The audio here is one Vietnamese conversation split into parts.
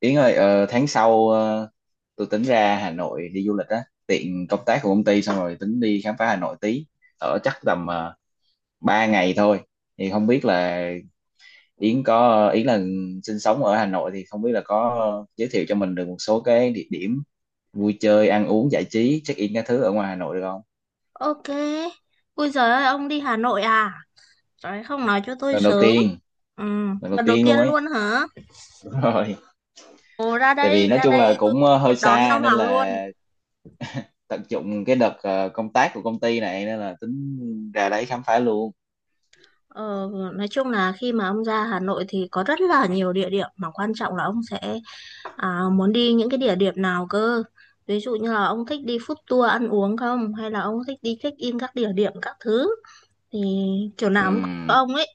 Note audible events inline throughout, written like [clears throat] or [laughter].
Yến ơi, tháng sau, tôi tính ra Hà Nội đi du lịch á, tiện công tác của công ty xong rồi tính đi khám phá Hà Nội tí, ở chắc tầm 3 ngày thôi. Thì không biết là Yến sinh sống ở Hà Nội thì không biết là có giới thiệu cho mình được một số cái địa điểm vui chơi, ăn uống, giải trí, check-in các thứ ở ngoài Hà Nội được không? Ok. Ui giời ơi, ông đi Hà Nội à? Trời ơi, không nói cho tôi Lần đầu sớm. tiên, Ừ, lần đầu lần đầu tiên tiên luôn ấy. luôn hả? Đúng [laughs] rồi. Ồ, Tại vì nói ra chung là đây tôi cũng tiếp hơi đón xa ông nên Hoàng luôn. là tận dụng cái đợt công tác của công ty này nên là tính ra đấy khám phá luôn. Ờ, nói chung là khi mà ông ra Hà Nội thì có rất là nhiều địa điểm mà quan trọng là ông sẽ muốn đi những cái địa điểm nào cơ. Ví dụ như là ông thích đi food tour ăn uống không? Hay là ông thích đi check-in các địa điểm các thứ? Thì kiểu nào cũng có cho Ừm, ông ấy.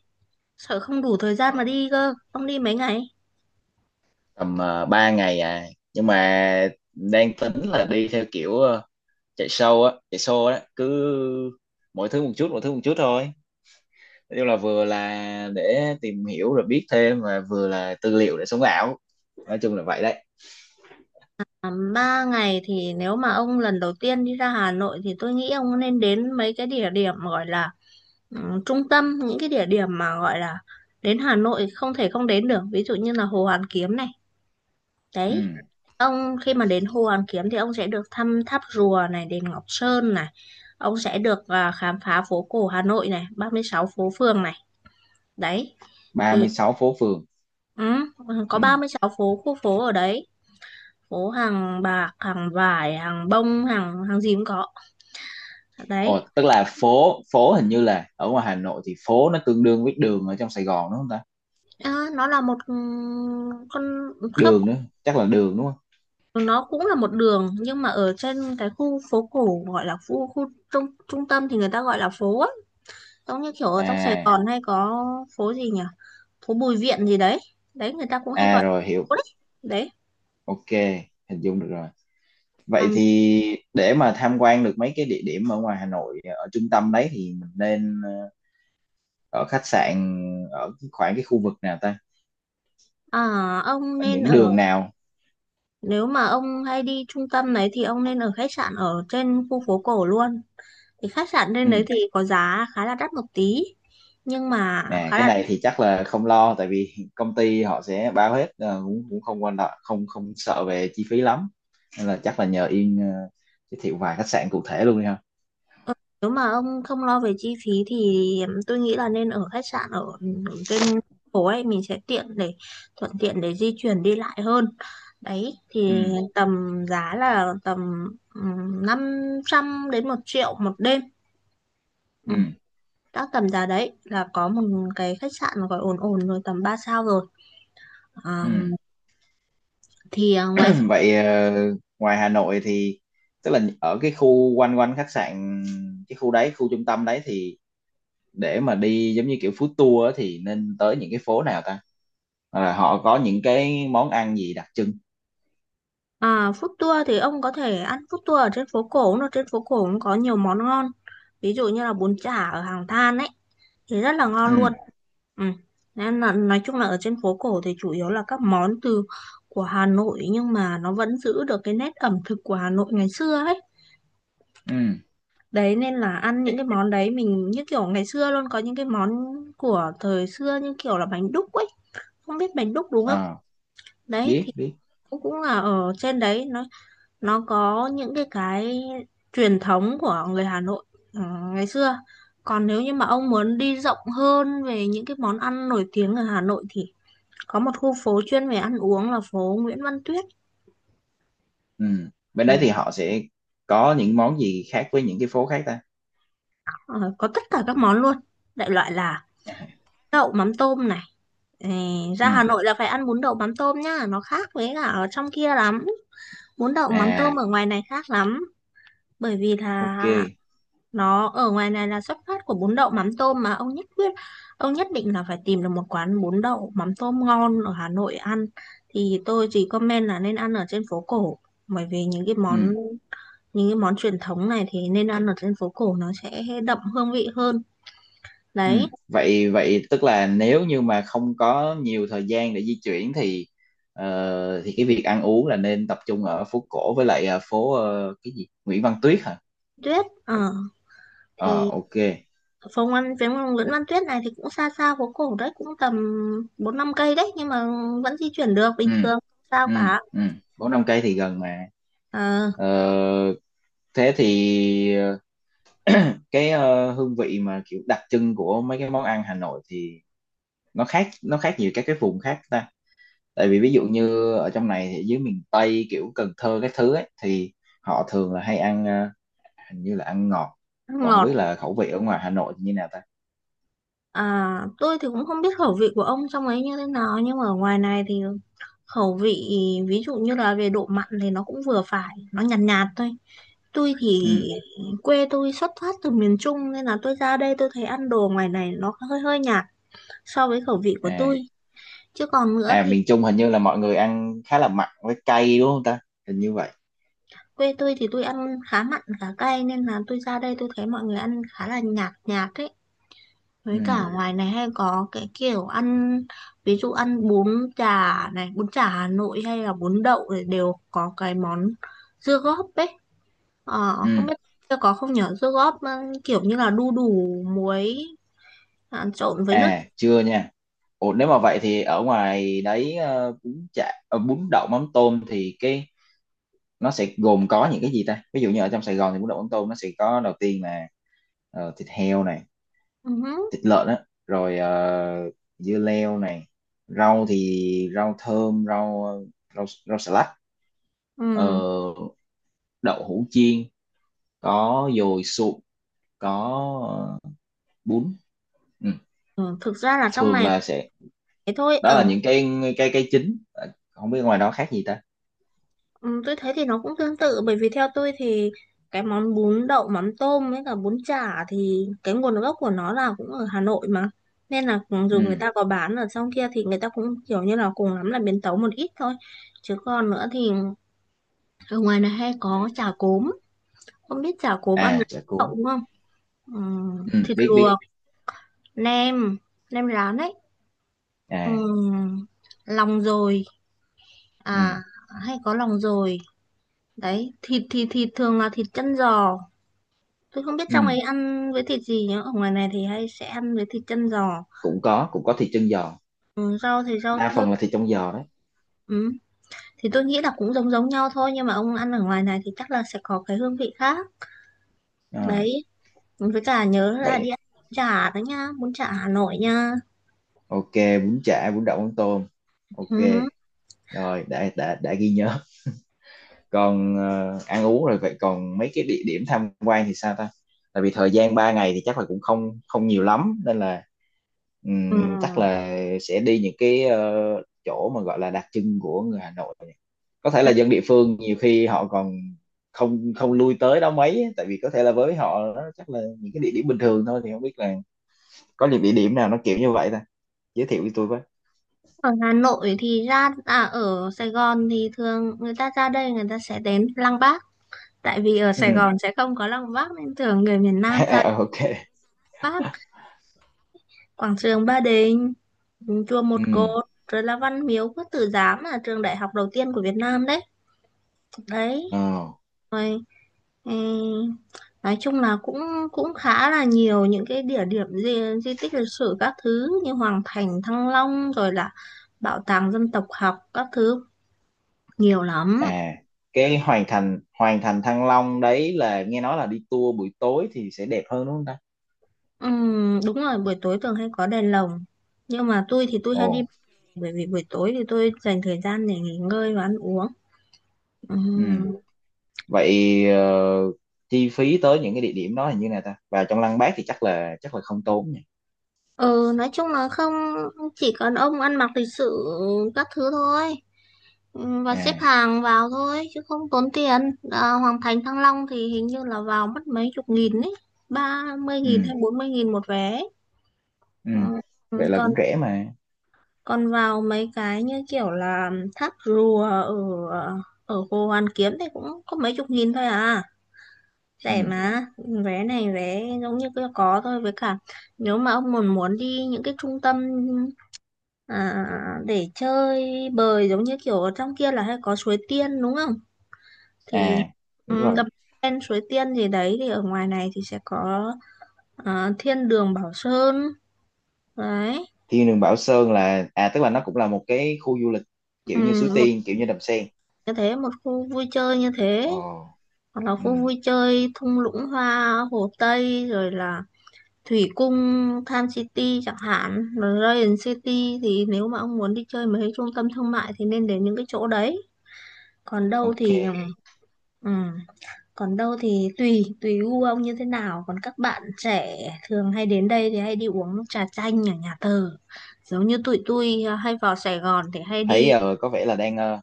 Sợ không đủ thời ờ, gian mà đi cơ. Ông đi mấy ngày? tầm ba ngày à, nhưng mà đang tính là đi theo kiểu, chạy show á, cứ mỗi thứ một chút thôi, nói chung là vừa là để tìm hiểu rồi biết thêm và vừa là tư liệu để sống ảo, nói chung là vậy đấy. À, ba ngày thì nếu mà ông lần đầu tiên đi ra Hà Nội thì tôi nghĩ ông nên đến mấy cái địa điểm gọi là trung tâm, những cái địa điểm mà gọi là đến Hà Nội không thể không đến được, ví dụ như là Hồ Hoàn Kiếm này. Đấy, Ừm, ông khi mà đến Hồ Hoàn Kiếm thì ông sẽ được thăm tháp rùa này, đền Ngọc Sơn này, ông sẽ được khám phá phố cổ Hà Nội này, 36 phố phường này. Đấy ba thì mươi sáu phố phường. ừ, có ba Ừm. mươi sáu phố, khu phố ở đấy, phố hàng bạc, hàng vải, hàng bông, hàng hàng gì cũng có. Ồ, Đấy. tức là phố phố hình như là ở ngoài Hà Nội thì phố nó tương đương với đường ở trong Sài Gòn đúng không ta? Ờ, nó là một, ừ, con khớp, Đường nữa, chắc là đường đúng không? nó cũng là một đường nhưng mà ở trên cái khu phố cổ gọi là khu khu trung trung tâm thì người ta gọi là phố á, giống như kiểu ở trong Sài À, Gòn hay có phố gì nhỉ, phố Bùi Viện gì đấy, đấy người ta cũng hay à gọi rồi hiểu. phố đấy. Đấy. OK, hình dung được rồi. Vậy Ừm, thì để mà tham quan được mấy cái địa điểm ở ngoài Hà Nội ở trung tâm đấy thì mình nên, ở khách sạn ở khoảng cái khu vực nào ta? à, ông Ở nên những ở, đường nào? nếu mà ông hay đi trung tâm đấy thì ông nên ở khách sạn ở trên khu phố cổ luôn. Thì khách sạn trên Ừ. đấy thì có giá khá là đắt một tí nhưng mà Nè, khá cái là... này thì chắc là không lo tại vì công ty họ sẽ bao hết, cũng cũng không quan trọng, không không sợ về chi phí lắm. Nên là chắc là nhờ Yên, giới thiệu vài khách sạn cụ thể luôn đi ha. Nếu mà ông không lo về chi phí thì tôi nghĩ là nên ở khách sạn ở trên phố ấy, mình sẽ tiện để thuận tiện để di chuyển đi lại hơn. Đấy thì Ừ. tầm giá là tầm 500 đến 1.000.000 một đêm. Ừ. Ừ, các tầm giá đấy là có một cái khách sạn gọi ổn ổn rồi, tầm 3 sao rồi. Ừ. À, thì à, ngoài ra- [clears throat] Vậy ngoài Hà Nội thì tức là ở cái khu quanh quanh khách sạn, cái khu đấy, khu trung tâm đấy, thì để mà đi giống như kiểu food tour á thì nên tới những cái phố nào ta? À, họ có những cái món ăn gì đặc trưng? Food tour thì ông có thể ăn food tour ở trên phố cổ, nó trên phố cổ cũng có nhiều món ngon. Ví dụ như là bún chả ở Hàng Than ấy thì rất là Ừ. ngon luôn. Ừ. Nên là nói chung là ở trên phố cổ thì chủ yếu là các món từ của Hà Nội nhưng mà nó vẫn giữ được cái nét ẩm thực của Hà Nội ngày xưa ấy. Ừ. Đấy nên là ăn những cái món đấy mình như kiểu ngày xưa luôn, có những cái món của thời xưa như kiểu là bánh đúc ấy, không biết bánh đúc đúng không? Ờ, Đấy thì biết biết. cũng cũng là ở trên đấy nó có những cái truyền thống của người Hà Nội, ừ, ngày xưa. Còn nếu như mà ông muốn đi rộng hơn về những cái món ăn nổi tiếng ở Hà Nội thì có một khu phố chuyên về ăn uống là phố Nguyễn Văn Tuyết. Ừ, bên Ừ. đấy thì họ sẽ có những món gì khác với những cái phố khác ta? Ờ, có tất cả các món luôn, đại loại là À, đậu mắm tôm này. Ờ, ừ, ra Hà Nội là phải ăn bún đậu mắm tôm nhá, nó khác với cả ở trong kia lắm, bún đậu mắm tôm à, ở ngoài này khác lắm, bởi vì là OK. nó ở ngoài này là xuất phát của bún đậu mắm tôm mà. Ông nhất quyết, ông nhất định là phải tìm được một quán bún đậu mắm tôm ngon ở Hà Nội ăn, thì tôi chỉ comment là nên ăn ở trên phố cổ, bởi vì những cái món, Ừ. những cái món truyền thống này thì nên ăn ở trên phố cổ, nó sẽ đậm hương vị hơn. Ừ. Đấy. Vậy vậy tức là nếu như mà không có nhiều thời gian để di chuyển thì, thì cái việc ăn uống là nên tập trung ở phố cổ, với lại phố, cái gì Nguyễn Văn Tuyết hả? Tuyết, ờ, Ờ, thì OK. phòng ăn phía Nguyễn Văn Tuyết này thì cũng xa xa phố cổ đấy, cũng tầm 4-5 cây đấy nhưng mà vẫn di chuyển được bình Ừ. thường không sao Ừ. cả. Ừ, bốn năm cây thì gần mà. Ờ, Ờ, thế thì cái hương vị mà kiểu đặc trưng của mấy cái món ăn Hà Nội thì nó khác nhiều các cái vùng khác ta? Tại vì ví dụ như ở trong này thì dưới miền Tây kiểu Cần Thơ cái thứ ấy thì họ thường là hay ăn, hình như là ăn ngọt, ăn còn không ngọt. biết là khẩu vị ở ngoài Hà Nội thì như nào ta? À, tôi thì cũng không biết khẩu vị của ông trong ấy như thế nào nhưng mà ở ngoài này thì khẩu vị ví dụ như là về độ mặn thì nó cũng vừa phải, nó nhạt nhạt thôi. Tôi thì Ừ. quê tôi xuất phát từ miền Trung nên là tôi ra đây tôi thấy ăn đồ ngoài này nó hơi hơi nhạt so với khẩu vị của À, tôi. Chứ còn nữa à thì miền Trung hình như là mọi người ăn khá là mặn với cay đúng không ta? Hình như vậy. quê tôi thì tôi ăn khá mặn khá cay nên là tôi ra đây tôi thấy mọi người ăn khá là nhạt nhạt ấy. Ừ. Với cả ngoài này hay có cái kiểu ăn ví dụ ăn bún chả này, bún chả Hà Nội hay là bún đậu thì đều có cái món dưa góp ấy. Ờ, không biết Ừ. có không nhở, dưa góp, ừ, kiểu như là đu đủ muối, trộn với nước. À chưa nha. Ủa, nếu mà vậy thì ở ngoài đấy, bún chả, bún đậu mắm tôm thì cái nó sẽ gồm có những cái gì ta? Ví dụ như ở trong Sài Gòn thì bún đậu mắm tôm nó sẽ có đầu tiên là, thịt heo này, Ừ. Hứ. thịt lợn á, rồi dưa leo này, rau thì rau thơm, rau rau rau xà lách, ờ, Ừ. đậu hũ chiên, có dồi sụn, có bún. Ừ. Ừ. Thực ra là trong Thường này là sẽ, thế thôi đó ở, là những cái chính. Ờ, không biết ngoài đó khác gì ta? ừ, tôi thấy thì nó cũng tương tự, bởi vì theo tôi thì cái món bún đậu mắm tôm với cả bún chả thì cái nguồn gốc của nó là cũng ở Hà Nội mà, nên là dù người Ừ. ta có bán ở trong kia thì người ta cũng kiểu như là cùng lắm là biến tấu một ít thôi. Chứ còn nữa thì ở ngoài này hay có chả cốm, không biết chả cốm ăn với À, chả cuốn. đậu đúng không. Ừ. Ừ, Thịt biết biết. luộc, nem, nem rán ấy, ừ, À, lòng dồi, à, ừ, hay có lòng dồi đấy. Thịt thì thịt thường là thịt chân giò, tôi không biết trong ừ. ấy ăn với thịt gì nhá, ở ngoài này thì hay sẽ ăn với thịt chân giò. Cũng có, cũng có thịt chân giò, Ừ, rau thì rau đa thơm. phần là thịt trong giò đấy. Ừ. Thì tôi nghĩ là cũng giống giống nhau thôi nhưng mà ông ăn ở ngoài này thì chắc là sẽ có cái hương vị khác. Ờ, Đấy, với cả nhớ là đi vậy ăn bún chả đó nha, bún chả Hà Nội nha. OK, bún chả bún đậu bún tôm. OK, Ừ. rồi đã ghi nhớ. Còn ăn uống rồi, vậy còn mấy cái địa điểm tham quan thì sao ta? Tại vì thời gian 3 ngày thì chắc là cũng không không nhiều lắm nên là Ừ. Chắc là sẽ đi những cái, chỗ mà gọi là đặc trưng của người Hà Nội, có thể là dân địa phương nhiều khi họ còn không không lui tới đó mấy á, tại vì có thể là với họ đó chắc là những cái địa điểm bình thường thôi, thì không biết là có những địa điểm nào nó kiểu như vậy ta? Giới thiệu với tôi với. Ở Hà Nội thì ra, à, ở Sài Gòn thì thường người ta ra đây người ta sẽ đến Lăng Bác, tại vì ở Ừ. Sài Gòn sẽ không có Lăng Bác nên thường người miền [laughs] Nam ra Lăng À, OK. Bác, quảng trường Ba Đình, chùa Ừ. Một Cột, rồi là Văn Miếu Quốc Tử Giám là trường đại học đầu tiên của Việt Nam đấy. Đấy. Ờ. Rồi, ừ, nói chung là cũng cũng khá là nhiều những cái địa điểm di, di tích lịch sử các thứ như Hoàng Thành Thăng Long rồi là bảo tàng dân tộc học các thứ, nhiều lắm. À, cái Hoàng Thành, Hoàng Thành Thăng Long đấy là nghe nói là đi tour buổi tối thì sẽ đẹp hơn đúng không ta? Đúng rồi, buổi tối thường hay có đèn lồng nhưng mà tôi thì tôi Ồ. hay đi, bởi vì buổi tối thì tôi dành thời gian để nghỉ ngơi và ăn uống. Ừ. Ừm. Vậy chi phí tới những cái địa điểm đó là như nào ta, và trong Lăng Bác thì chắc là không tốn nhỉ? Ừ, nói chung là không, chỉ cần ông ăn mặc lịch sự các thứ thôi. Ừ, và xếp À, hàng vào thôi chứ không tốn tiền. À, Hoàng Thành Thăng Long thì hình như là vào mất mấy chục nghìn ấy, ba mươi ừ, nghìn hay 40.000 một vé. ừ, Ừ, ừ, vậy là còn cũng rẻ mà. còn vào mấy cái như kiểu là tháp rùa ở ở Hồ Hoàn Kiếm thì cũng có mấy chục nghìn thôi à, rẻ Ừ. mà. Vé này vé giống như cứ có thôi, với cả nếu mà ông muốn muốn đi những cái trung tâm, để chơi bời, giống như kiểu ở trong kia là hay có suối tiên đúng không? Thì, À, đúng ừ, rồi. đập lên suối tiên gì đấy thì ở ngoài này thì sẽ có thiên đường Bảo Sơn. Đấy, Thiên đường Bảo Sơn là à, tức là nó cũng là một cái khu du lịch ừ, kiểu như Suối một Tiên, kiểu như Đầm Sen. như thế, một khu vui chơi như thế, Ồ. hoặc là khu Ừ. vui chơi thung lũng hoa Hồ Tây rồi là Thủy Cung, Tham City chẳng hạn, rồi Radiant City. Thì nếu mà ông muốn đi chơi mấy cái trung tâm thương mại thì nên đến những cái chỗ đấy. Còn đâu OK. thì, ừ, ừ. Còn đâu thì tùy gu ông như thế nào. Còn các bạn trẻ thường hay đến đây thì hay đi uống trà chanh ở nhà thờ. Giống như tụi tôi à, hay vào Sài Gòn thì hay Thấy đi. Có vẻ là đang,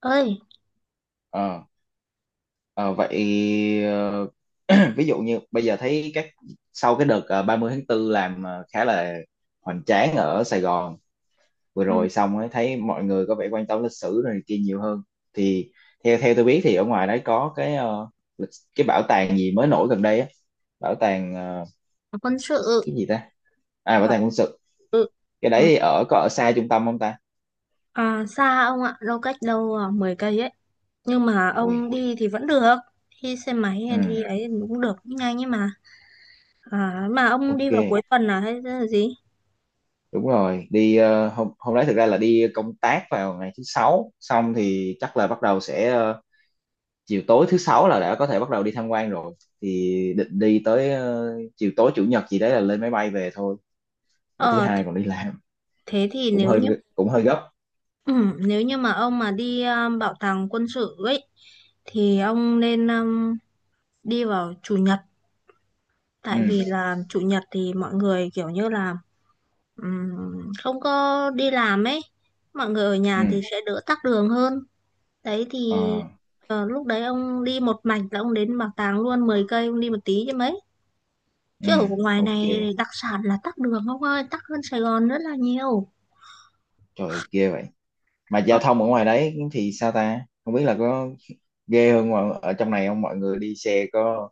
Ơi, ờ, ờ, vậy [clears throat] ví dụ như bây giờ thấy các, sau cái đợt ba mươi tháng 4 làm khá là hoành tráng ở Sài Gòn vừa ừ, rồi xong ấy, thấy mọi người có vẻ quan tâm lịch sử rồi này kia nhiều hơn, thì theo theo tôi biết thì ở ngoài đấy có cái, lịch- cái bảo tàng gì mới nổi gần đây á, bảo tàng quân sự. cái gì ta? À, bảo Ờ, tàng quân sự, ừ, cái đấy ừ. thì ở có ở xa trung tâm không ta? À, xa ông ạ, đâu cách đâu 10 cây ấy. Nhưng mà ông Ui. đi thì vẫn được. Đi xe máy Ừ. hay đi ấy thì cũng được, cũng nhanh ấy mà. À, mà ông đi OK, vào cuối tuần là hay là gì? đúng rồi. Đi hôm hôm đấy thực ra là đi công tác vào ngày thứ sáu, xong thì chắc là bắt đầu sẽ chiều tối thứ sáu là đã có thể bắt đầu đi tham quan rồi, thì định đi tới chiều tối chủ nhật gì đấy là lên máy bay về thôi, để thứ Ờ, thế hai còn đi làm. thế thì Cũng nếu hơi, như... cũng hơi gấp. Ừ, nếu như mà ông mà đi bảo tàng quân sự ấy thì ông nên đi vào chủ nhật, tại Ừ. vì là chủ nhật thì mọi người kiểu như là, ừm, không có đi làm ấy, mọi người ở Ừ. nhà thì sẽ đỡ tắc đường hơn. Đấy Ờ. thì ờ, lúc đấy ông đi một mạch là ông đến bảo tàng luôn, 10 cây ông đi một tí chứ mấy, Ừ. chứ ở ngoài OK. này đặc sản là tắc đường ông ơi, tắc hơn Sài Gòn rất là nhiều. Trời ơi, ghê vậy. Mà giao thông ở ngoài đấy thì sao ta, không biết là có ghê hơn ngoài ở trong này không, mọi người đi xe có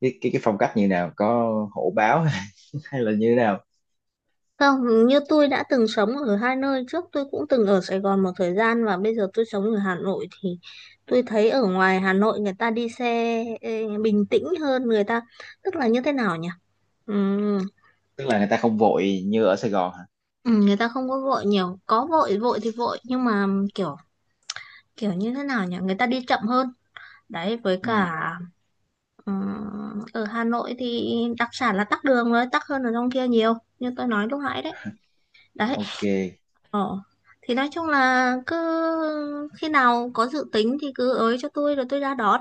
cái cái phong cách như nào, có hổ báo [laughs] hay là như thế nào? Không, như tôi đã từng sống ở hai nơi trước, tôi cũng từng ở Sài Gòn một thời gian và bây giờ tôi sống ở Hà Nội thì tôi thấy ở ngoài Hà Nội người ta đi xe ê, bình tĩnh hơn người ta, tức là như thế nào nhỉ? Ừm, Tức là người ta không vội như ở Sài Gòn hả? Người ta không có vội nhiều, có vội vội thì vội nhưng mà kiểu kiểu như thế nào nhỉ? Người ta đi chậm hơn. Đấy với Ừ. cả ở Hà Nội thì đặc sản là tắc đường rồi, tắc hơn ở trong kia nhiều, như tôi nói lúc nãy đấy. Đấy. OK. Ờ. Thì nói chung là cứ khi nào có dự tính thì cứ ới cho tôi rồi tôi ra đón.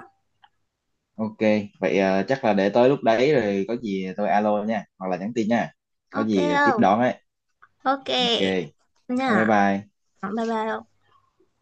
OK, vậy chắc là để tới lúc đấy rồi có gì tôi alo nha, hoặc là nhắn tin nha, có Ok gì tiếp không? đón ấy. Ok OK, bye nha. bye. Bye bye.